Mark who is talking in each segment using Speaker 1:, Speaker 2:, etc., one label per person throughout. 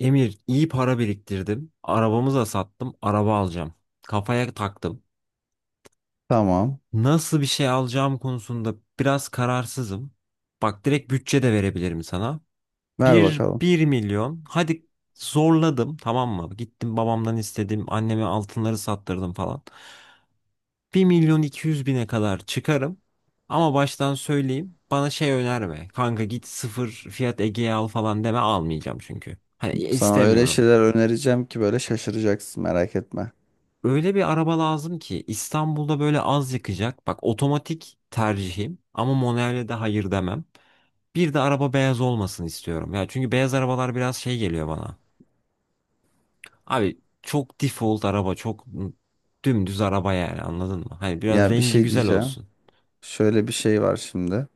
Speaker 1: Emir iyi para biriktirdim. Arabamı da sattım. Araba alacağım. Kafaya taktım.
Speaker 2: Tamam.
Speaker 1: Nasıl bir şey alacağım konusunda biraz kararsızım. Bak direkt bütçe de verebilirim sana.
Speaker 2: Ver
Speaker 1: Bir
Speaker 2: bakalım.
Speaker 1: bir milyon. Hadi zorladım tamam mı? Gittim babamdan istedim. Anneme altınları sattırdım falan. 1.200.000'e kadar çıkarım. Ama baştan söyleyeyim. Bana şey önerme. Kanka git sıfır fiyat Ege'ye al falan deme almayacağım çünkü. Hani
Speaker 2: Sana öyle
Speaker 1: istemiyorum.
Speaker 2: şeyler önereceğim ki böyle şaşıracaksın, merak etme.
Speaker 1: Öyle bir araba lazım ki İstanbul'da böyle az yakacak. Bak otomatik tercihim ama manuele de hayır demem. Bir de araba beyaz olmasını istiyorum. Ya çünkü beyaz arabalar biraz şey geliyor bana. Abi çok default araba, çok dümdüz araba yani anladın mı? Hani biraz
Speaker 2: Ya bir
Speaker 1: rengi
Speaker 2: şey
Speaker 1: güzel
Speaker 2: diyeceğim.
Speaker 1: olsun.
Speaker 2: Şöyle bir şey var şimdi.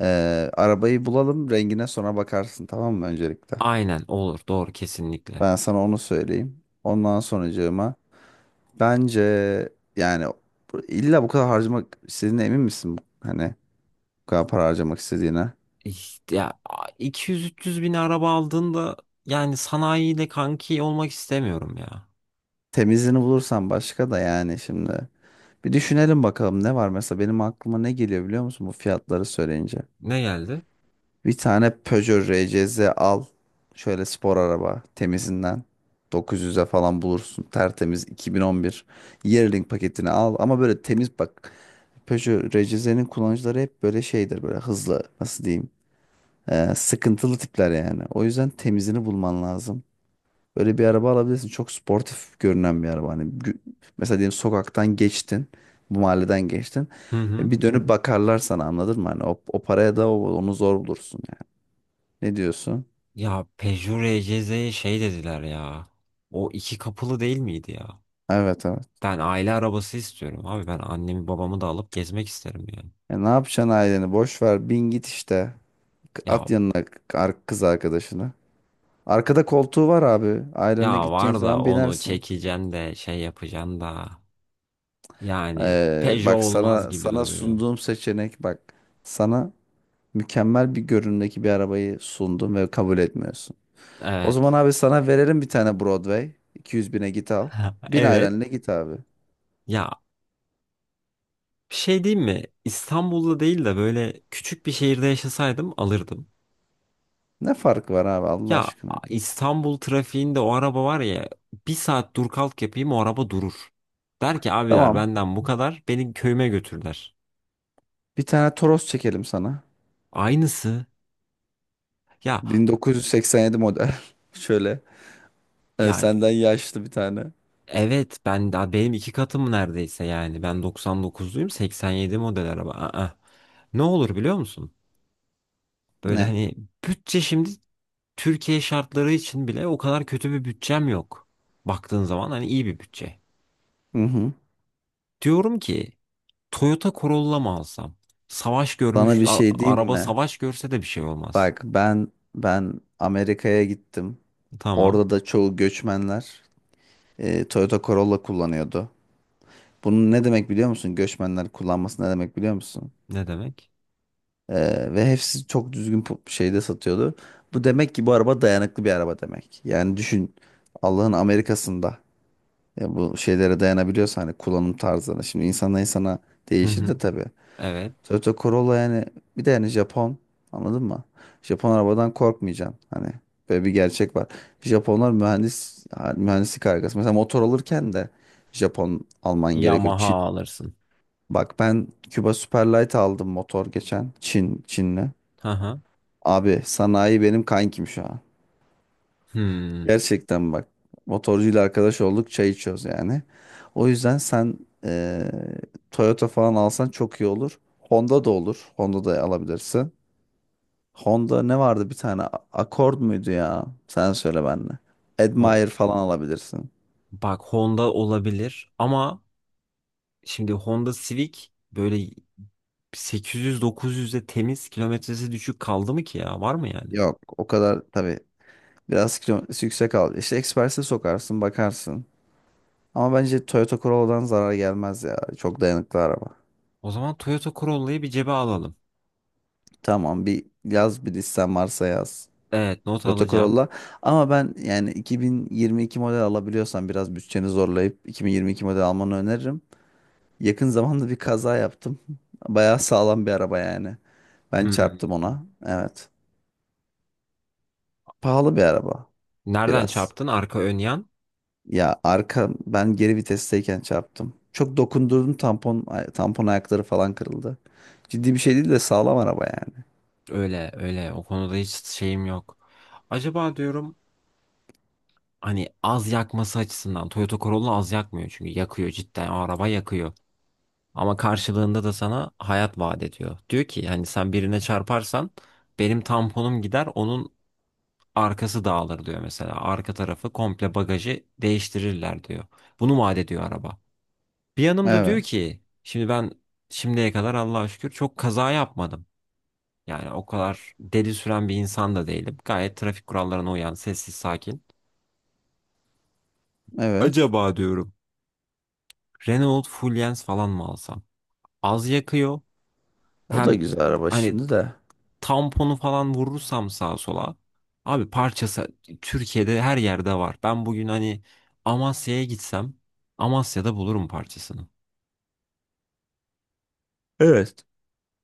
Speaker 2: Arabayı bulalım, rengine sonra bakarsın, tamam mı öncelikle?
Speaker 1: Aynen olur doğru kesinlikle.
Speaker 2: Ben sana onu söyleyeyim. Ondan sonracığıma bence yani illa bu kadar harcamak istediğine emin misin? Hani bu kadar para harcamak istediğine.
Speaker 1: İşte ya 200-300 bin araba aldığında yani sanayiyle kanki olmak istemiyorum ya.
Speaker 2: Temizini bulursan başka da yani şimdi. Bir düşünelim bakalım, ne var, mesela benim aklıma ne geliyor biliyor musun bu fiyatları söyleyince.
Speaker 1: Ne geldi?
Speaker 2: Bir tane Peugeot RCZ al. Şöyle spor araba, temizinden. 900'e falan bulursun. Tertemiz 2011. Yearling paketini al. Ama böyle temiz bak. Peugeot RCZ'nin kullanıcıları hep böyle şeydir. Böyle hızlı, nasıl diyeyim. Sıkıntılı tipler yani. O yüzden temizini bulman lazım. Böyle bir araba alabilirsin. Çok sportif görünen bir araba. Hani mesela diyelim sokaktan geçtin. Bu mahalleden geçtin.
Speaker 1: Hı hı.
Speaker 2: Bir dönüp bakarlar sana, anladın mı? Hani o paraya da onu zor bulursun. Ne diyorsun?
Speaker 1: Ya Peugeot RCZ'ye şey dediler ya. O iki kapılı değil miydi ya?
Speaker 2: Evet, evet.
Speaker 1: Ben aile arabası istiyorum abi. Ben annemi babamı da alıp gezmek isterim yani.
Speaker 2: E, ne yapacaksın aileni? Boş ver. Bin git işte.
Speaker 1: Ya
Speaker 2: At yanına kız arkadaşını. Arkada koltuğu var abi. Ailenle
Speaker 1: ya
Speaker 2: gideceğin
Speaker 1: var da
Speaker 2: zaman
Speaker 1: onu
Speaker 2: binersin.
Speaker 1: çekeceksin de şey yapacaksın da. Yani Peugeot
Speaker 2: Bak,
Speaker 1: olmaz
Speaker 2: sana
Speaker 1: gibi
Speaker 2: sana
Speaker 1: duruyor.
Speaker 2: sunduğum seçenek, bak. Sana mükemmel bir görünümdeki bir arabayı sundum ve kabul etmiyorsun. O zaman
Speaker 1: Evet.
Speaker 2: abi sana verelim bir tane Broadway. 200 bine git al. Bin
Speaker 1: Evet.
Speaker 2: ailenle git abi.
Speaker 1: Ya bir şey diyeyim mi? İstanbul'da değil de böyle küçük bir şehirde yaşasaydım alırdım.
Speaker 2: Ne farkı var abi, Allah
Speaker 1: Ya
Speaker 2: aşkına.
Speaker 1: İstanbul trafiğinde o araba var ya bir saat dur kalk yapayım o araba durur. Der ki abiler
Speaker 2: Tamam.
Speaker 1: benden bu kadar beni köyüme götürler.
Speaker 2: Bir tane Toros çekelim sana.
Speaker 1: Aynısı ya
Speaker 2: 1987 model. Şöyle.
Speaker 1: ya
Speaker 2: Senden yaşlı bir tane.
Speaker 1: evet ben daha benim iki katım neredeyse yani ben 99'luyum 87 model araba. Aa, ne olur biliyor musun? Böyle
Speaker 2: Ne?
Speaker 1: hani bütçe şimdi Türkiye şartları için bile o kadar kötü bir bütçem yok. Baktığın zaman hani iyi bir bütçe.
Speaker 2: Hı hı.
Speaker 1: Diyorum ki Toyota Corolla mı alsam? Savaş
Speaker 2: Sana
Speaker 1: görmüş,
Speaker 2: bir şey diyeyim
Speaker 1: araba
Speaker 2: mi?
Speaker 1: savaş görse de bir şey olmaz.
Speaker 2: Bak, ben Amerika'ya gittim.
Speaker 1: Tamam.
Speaker 2: Orada da çoğu göçmenler, Toyota Corolla kullanıyordu. Bunun ne demek biliyor musun? Göçmenler kullanması ne demek biliyor musun?
Speaker 1: Ne demek?
Speaker 2: E, Ve hepsi çok düzgün şeyde satıyordu. Bu demek ki bu araba dayanıklı bir araba demek. Yani düşün, Allah'ın Amerika'sında bu şeylere dayanabiliyorsa, hani kullanım tarzlarına. Şimdi insanla insana
Speaker 1: Hı
Speaker 2: değişir de
Speaker 1: hı.
Speaker 2: tabii.
Speaker 1: Evet.
Speaker 2: Toyota Corolla yani, bir de yani Japon, anladın mı? Japon arabadan korkmayacaksın, hani böyle bir gerçek var. Japonlar mühendis, mühendislik harikası. Mesela motor alırken de Japon alman gerekiyor.
Speaker 1: Yamaha
Speaker 2: Çin,
Speaker 1: alırsın.
Speaker 2: bak ben Cuba Superlight aldım motor geçen, Çinli.
Speaker 1: Hı hı.
Speaker 2: Abi sanayi benim kankim şu an.
Speaker 1: Hmm.
Speaker 2: Gerçekten bak, motorcuyla arkadaş olduk, çay içiyoruz yani. O yüzden sen eee, Toyota falan alsan çok iyi olur. Honda da olur. Honda da alabilirsin. Honda ne vardı bir tane? Accord muydu ya? Sen söyle benle.
Speaker 1: Ho-
Speaker 2: Admire falan alabilirsin.
Speaker 1: Bak Honda olabilir ama şimdi Honda Civic böyle 800-900'e temiz kilometresi düşük kaldı mı ki ya? Var mı yani?
Speaker 2: Yok, o kadar tabii. Biraz kilometresi yüksek al. İşte Express'e sokarsın bakarsın. Ama bence Toyota Corolla'dan zarar gelmez ya. Çok dayanıklı araba.
Speaker 1: O zaman Toyota Corolla'yı bir cebe alalım.
Speaker 2: Tamam, bir yaz, bir listen varsa yaz.
Speaker 1: Evet not
Speaker 2: Toyota
Speaker 1: alacağım.
Speaker 2: Corolla. Ama ben yani 2022 model alabiliyorsan biraz bütçeni zorlayıp 2022 model almanı öneririm. Yakın zamanda bir kaza yaptım. Bayağı sağlam bir araba yani. Ben
Speaker 1: Hmm.
Speaker 2: çarptım ona. Evet. Pahalı bir araba
Speaker 1: Nereden
Speaker 2: biraz.
Speaker 1: çarptın? Arka ön yan?
Speaker 2: Ya arka, ben geri vitesteyken çarptım. Çok dokundurdum, tampon tampon ayakları falan kırıldı. Ciddi bir şey değil de sağlam araba yani.
Speaker 1: Öyle öyle o konuda hiç şeyim yok. Acaba diyorum hani az yakması açısından Toyota Corolla az yakmıyor çünkü yakıyor cidden o araba yakıyor. Ama karşılığında da sana hayat vaat ediyor. Diyor ki hani sen birine çarparsan benim tamponum gider onun arkası dağılır diyor mesela. Arka tarafı komple bagajı değiştirirler diyor. Bunu vaat ediyor araba. Bir yanım da diyor
Speaker 2: Evet.
Speaker 1: ki şimdi ben şimdiye kadar Allah'a şükür çok kaza yapmadım. Yani o kadar deli süren bir insan da değilim. Gayet trafik kurallarına uyan, sessiz, sakin.
Speaker 2: Evet.
Speaker 1: Acaba diyorum Renault Fluence falan mı alsam? Az yakıyor.
Speaker 2: O da
Speaker 1: Hem
Speaker 2: güzel araba
Speaker 1: hani
Speaker 2: şimdi de.
Speaker 1: tamponu falan vurursam sağa sola. Abi parçası Türkiye'de her yerde var. Ben bugün hani Amasya'ya gitsem Amasya'da bulurum parçasını.
Speaker 2: Evet.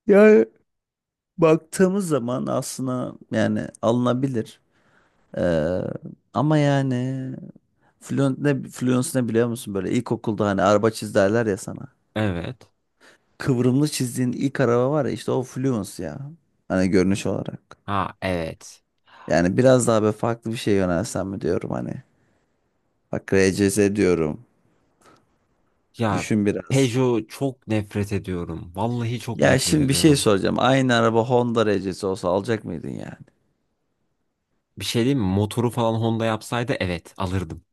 Speaker 2: Yani baktığımız zaman aslında yani alınabilir. Ee, ama yani Fluent ne, Fluence ne biliyor musun, böyle ilkokulda hani araba çiz derler ya sana.
Speaker 1: Evet.
Speaker 2: Kıvrımlı çizdiğin ilk araba var ya, işte o Fluence ya. Hani görünüş olarak.
Speaker 1: Ha evet.
Speaker 2: Yani biraz daha böyle farklı bir şey yönelsem mi diyorum hani. Bak, RCZ diyorum.
Speaker 1: Ya
Speaker 2: Düşün biraz.
Speaker 1: Peugeot çok nefret ediyorum. Vallahi çok
Speaker 2: Ya
Speaker 1: nefret
Speaker 2: şimdi bir şey
Speaker 1: ediyorum.
Speaker 2: soracağım. Aynı araba Honda RC'si olsa alacak mıydın yani?
Speaker 1: Bir şey diyeyim mi? Motoru falan Honda yapsaydı evet alırdım.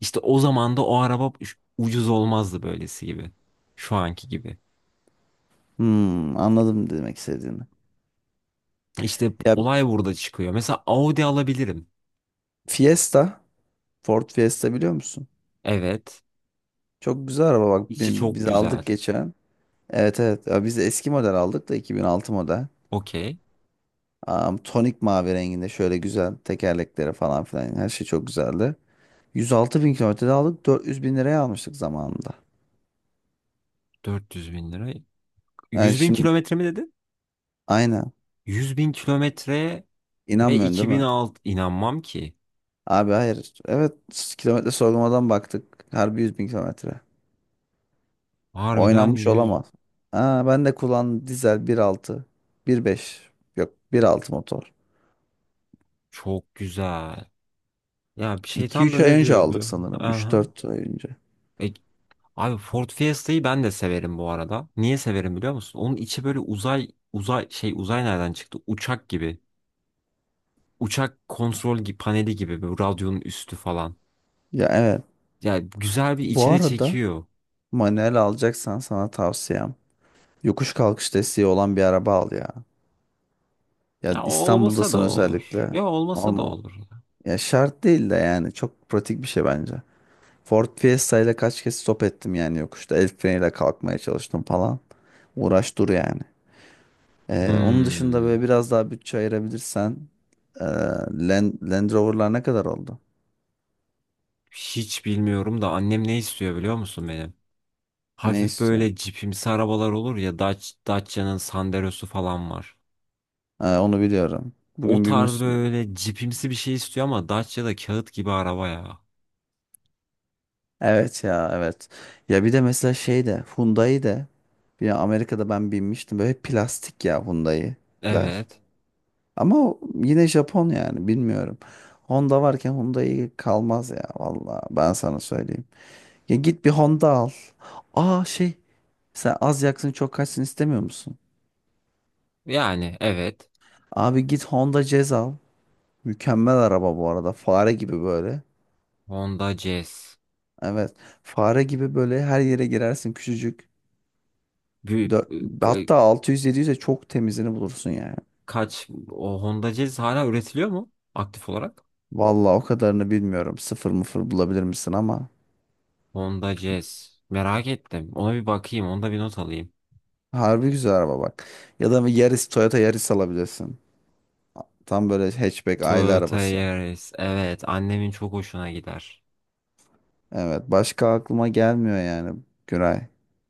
Speaker 1: İşte o zaman da o araba ucuz olmazdı böylesi gibi. Şu anki gibi.
Speaker 2: Hmm, anladım demek istediğini.
Speaker 1: İşte
Speaker 2: Ya
Speaker 1: olay burada çıkıyor. Mesela Audi alabilirim.
Speaker 2: Fiesta, Ford Fiesta biliyor musun?
Speaker 1: Evet.
Speaker 2: Çok güzel araba bak,
Speaker 1: İçi çok
Speaker 2: biz
Speaker 1: güzel.
Speaker 2: aldık geçen. Evet, evet. Ya biz de eski model aldık da, 2006 model.
Speaker 1: Okey.
Speaker 2: Tonik mavi renginde, şöyle güzel tekerlekleri falan filan, her şey çok güzeldi. 106 bin kilometrede aldık, 400 bin liraya almıştık zamanında.
Speaker 1: 400 bin lira.
Speaker 2: Yani
Speaker 1: 100 bin
Speaker 2: şimdi,
Speaker 1: kilometre mi dedin?
Speaker 2: aynen.
Speaker 1: 100 bin kilometre ve
Speaker 2: İnanmıyorsun değil mi?
Speaker 1: 2006 inanmam ki.
Speaker 2: Abi hayır. Evet, kilometre sorgulamadan baktık. Harbi 100 bin kilometre.
Speaker 1: Harbiden
Speaker 2: Oynanmış
Speaker 1: 100
Speaker 2: olamaz. Aa, ben de kullan, dizel bir altı. Bir beş. Yok, bir altı motor.
Speaker 1: çok güzel. Ya bir
Speaker 2: İki
Speaker 1: şeytan da
Speaker 2: üç ay
Speaker 1: ne
Speaker 2: önce
Speaker 1: diyor
Speaker 2: aldık
Speaker 1: biliyor?
Speaker 2: sanırım. Üç
Speaker 1: Aha.
Speaker 2: dört ay önce.
Speaker 1: E, Abi Ford Fiesta'yı ben de severim bu arada. Niye severim biliyor musun? Onun içi böyle uzay uzay şey uzay nereden çıktı? Uçak gibi. Uçak kontrol paneli gibi böyle radyonun üstü falan.
Speaker 2: Ya evet.
Speaker 1: Ya güzel bir
Speaker 2: Bu
Speaker 1: içine
Speaker 2: arada,
Speaker 1: çekiyor.
Speaker 2: manuel alacaksan sana tavsiyem, yokuş kalkış desteği olan bir araba al ya. Ya
Speaker 1: Ya olmasa da
Speaker 2: İstanbul'dasın
Speaker 1: olur.
Speaker 2: özellikle.
Speaker 1: Ya olmasa da
Speaker 2: Ama
Speaker 1: olur.
Speaker 2: ya şart değil de yani çok pratik bir şey bence. Ford Fiesta ile kaç kez stop ettim yani yokuşta. El freniyle kalkmaya çalıştım falan. Uğraş dur yani. Onun dışında
Speaker 1: Hmm,
Speaker 2: böyle biraz daha bütçe ayırabilirsen ee, Land Rover'lar ne kadar oldu?
Speaker 1: hiç bilmiyorum da annem ne istiyor biliyor musun benim?
Speaker 2: Ne
Speaker 1: Hafif
Speaker 2: istiyorsun?
Speaker 1: böyle cipimsi arabalar olur ya Dacia'nın Sandero'su falan var.
Speaker 2: Onu biliyorum.
Speaker 1: O
Speaker 2: Bugün bir
Speaker 1: tarz böyle cipimsi bir şey istiyor ama Dacia da kağıt gibi araba ya.
Speaker 2: evet ya, evet. Ya bir de mesela şey de Hyundai de, bir Amerika'da ben binmiştim. Böyle plastik ya Hyundai'ler.
Speaker 1: Evet.
Speaker 2: Ama o yine Japon yani, bilmiyorum. Honda varken Hyundai kalmaz ya, vallahi ben sana söyleyeyim. Ya git bir Honda al. Aa, şey, sen az yaksın çok kaçsın istemiyor musun?
Speaker 1: Yani evet.
Speaker 2: Abi git Honda Jazz al. Mükemmel araba bu arada. Fare gibi böyle.
Speaker 1: Honda Jazz.
Speaker 2: Evet. Fare gibi böyle her yere girersin, küçücük.
Speaker 1: Büyük
Speaker 2: Dö-
Speaker 1: ka-
Speaker 2: Hatta 600-700'e çok temizini bulursun yani.
Speaker 1: kaç o Honda Jazz hala üretiliyor mu aktif olarak?
Speaker 2: Vallahi o kadarını bilmiyorum. Sıfır mıfır bulabilir misin ama.
Speaker 1: Honda Jazz. Merak ettim. Ona bir bakayım. Onda bir not alayım.
Speaker 2: Harbi güzel araba bak. Ya da bir Yaris, Toyota Yaris alabilirsin. Tam böyle hatchback aile
Speaker 1: Toyota
Speaker 2: arabası.
Speaker 1: Yaris. Evet. Annemin çok hoşuna gider.
Speaker 2: Evet, başka aklıma gelmiyor yani Güray.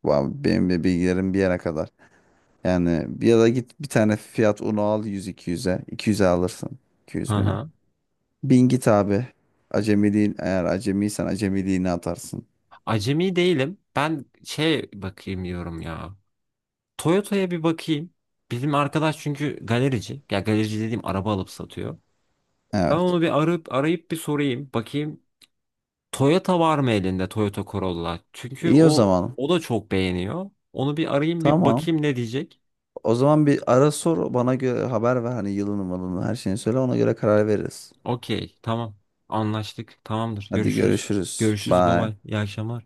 Speaker 2: Benim de bilgilerim bir yere kadar. Yani bir, ya da git bir tane Fiat Uno al 100-200'e. 200'e alırsın.
Speaker 1: Hı
Speaker 2: 200 bine.
Speaker 1: hı.
Speaker 2: Bin git abi. Acemiliğin, eğer acemiysen acemiliğini atarsın.
Speaker 1: Acemi değilim. Ben şey bakayım diyorum ya. Toyota'ya bir bakayım. Bizim arkadaş çünkü galerici. Ya galerici dediğim araba alıp satıyor. Ben
Speaker 2: Evet.
Speaker 1: onu bir arayıp arayıp bir sorayım. Bakayım Toyota var mı elinde Toyota Corolla? Çünkü
Speaker 2: İyi, o
Speaker 1: o
Speaker 2: zaman.
Speaker 1: o da çok beğeniyor. Onu bir arayayım bir
Speaker 2: Tamam.
Speaker 1: bakayım ne diyecek.
Speaker 2: O zaman bir ara sor, bana göre haber ver, hani yılını malını her şeyini söyle, ona göre karar veririz.
Speaker 1: Okey, tamam. Anlaştık. Tamamdır.
Speaker 2: Hadi
Speaker 1: Görüşürüz.
Speaker 2: görüşürüz.
Speaker 1: Görüşürüz
Speaker 2: Bye.
Speaker 1: babay. İyi akşamlar.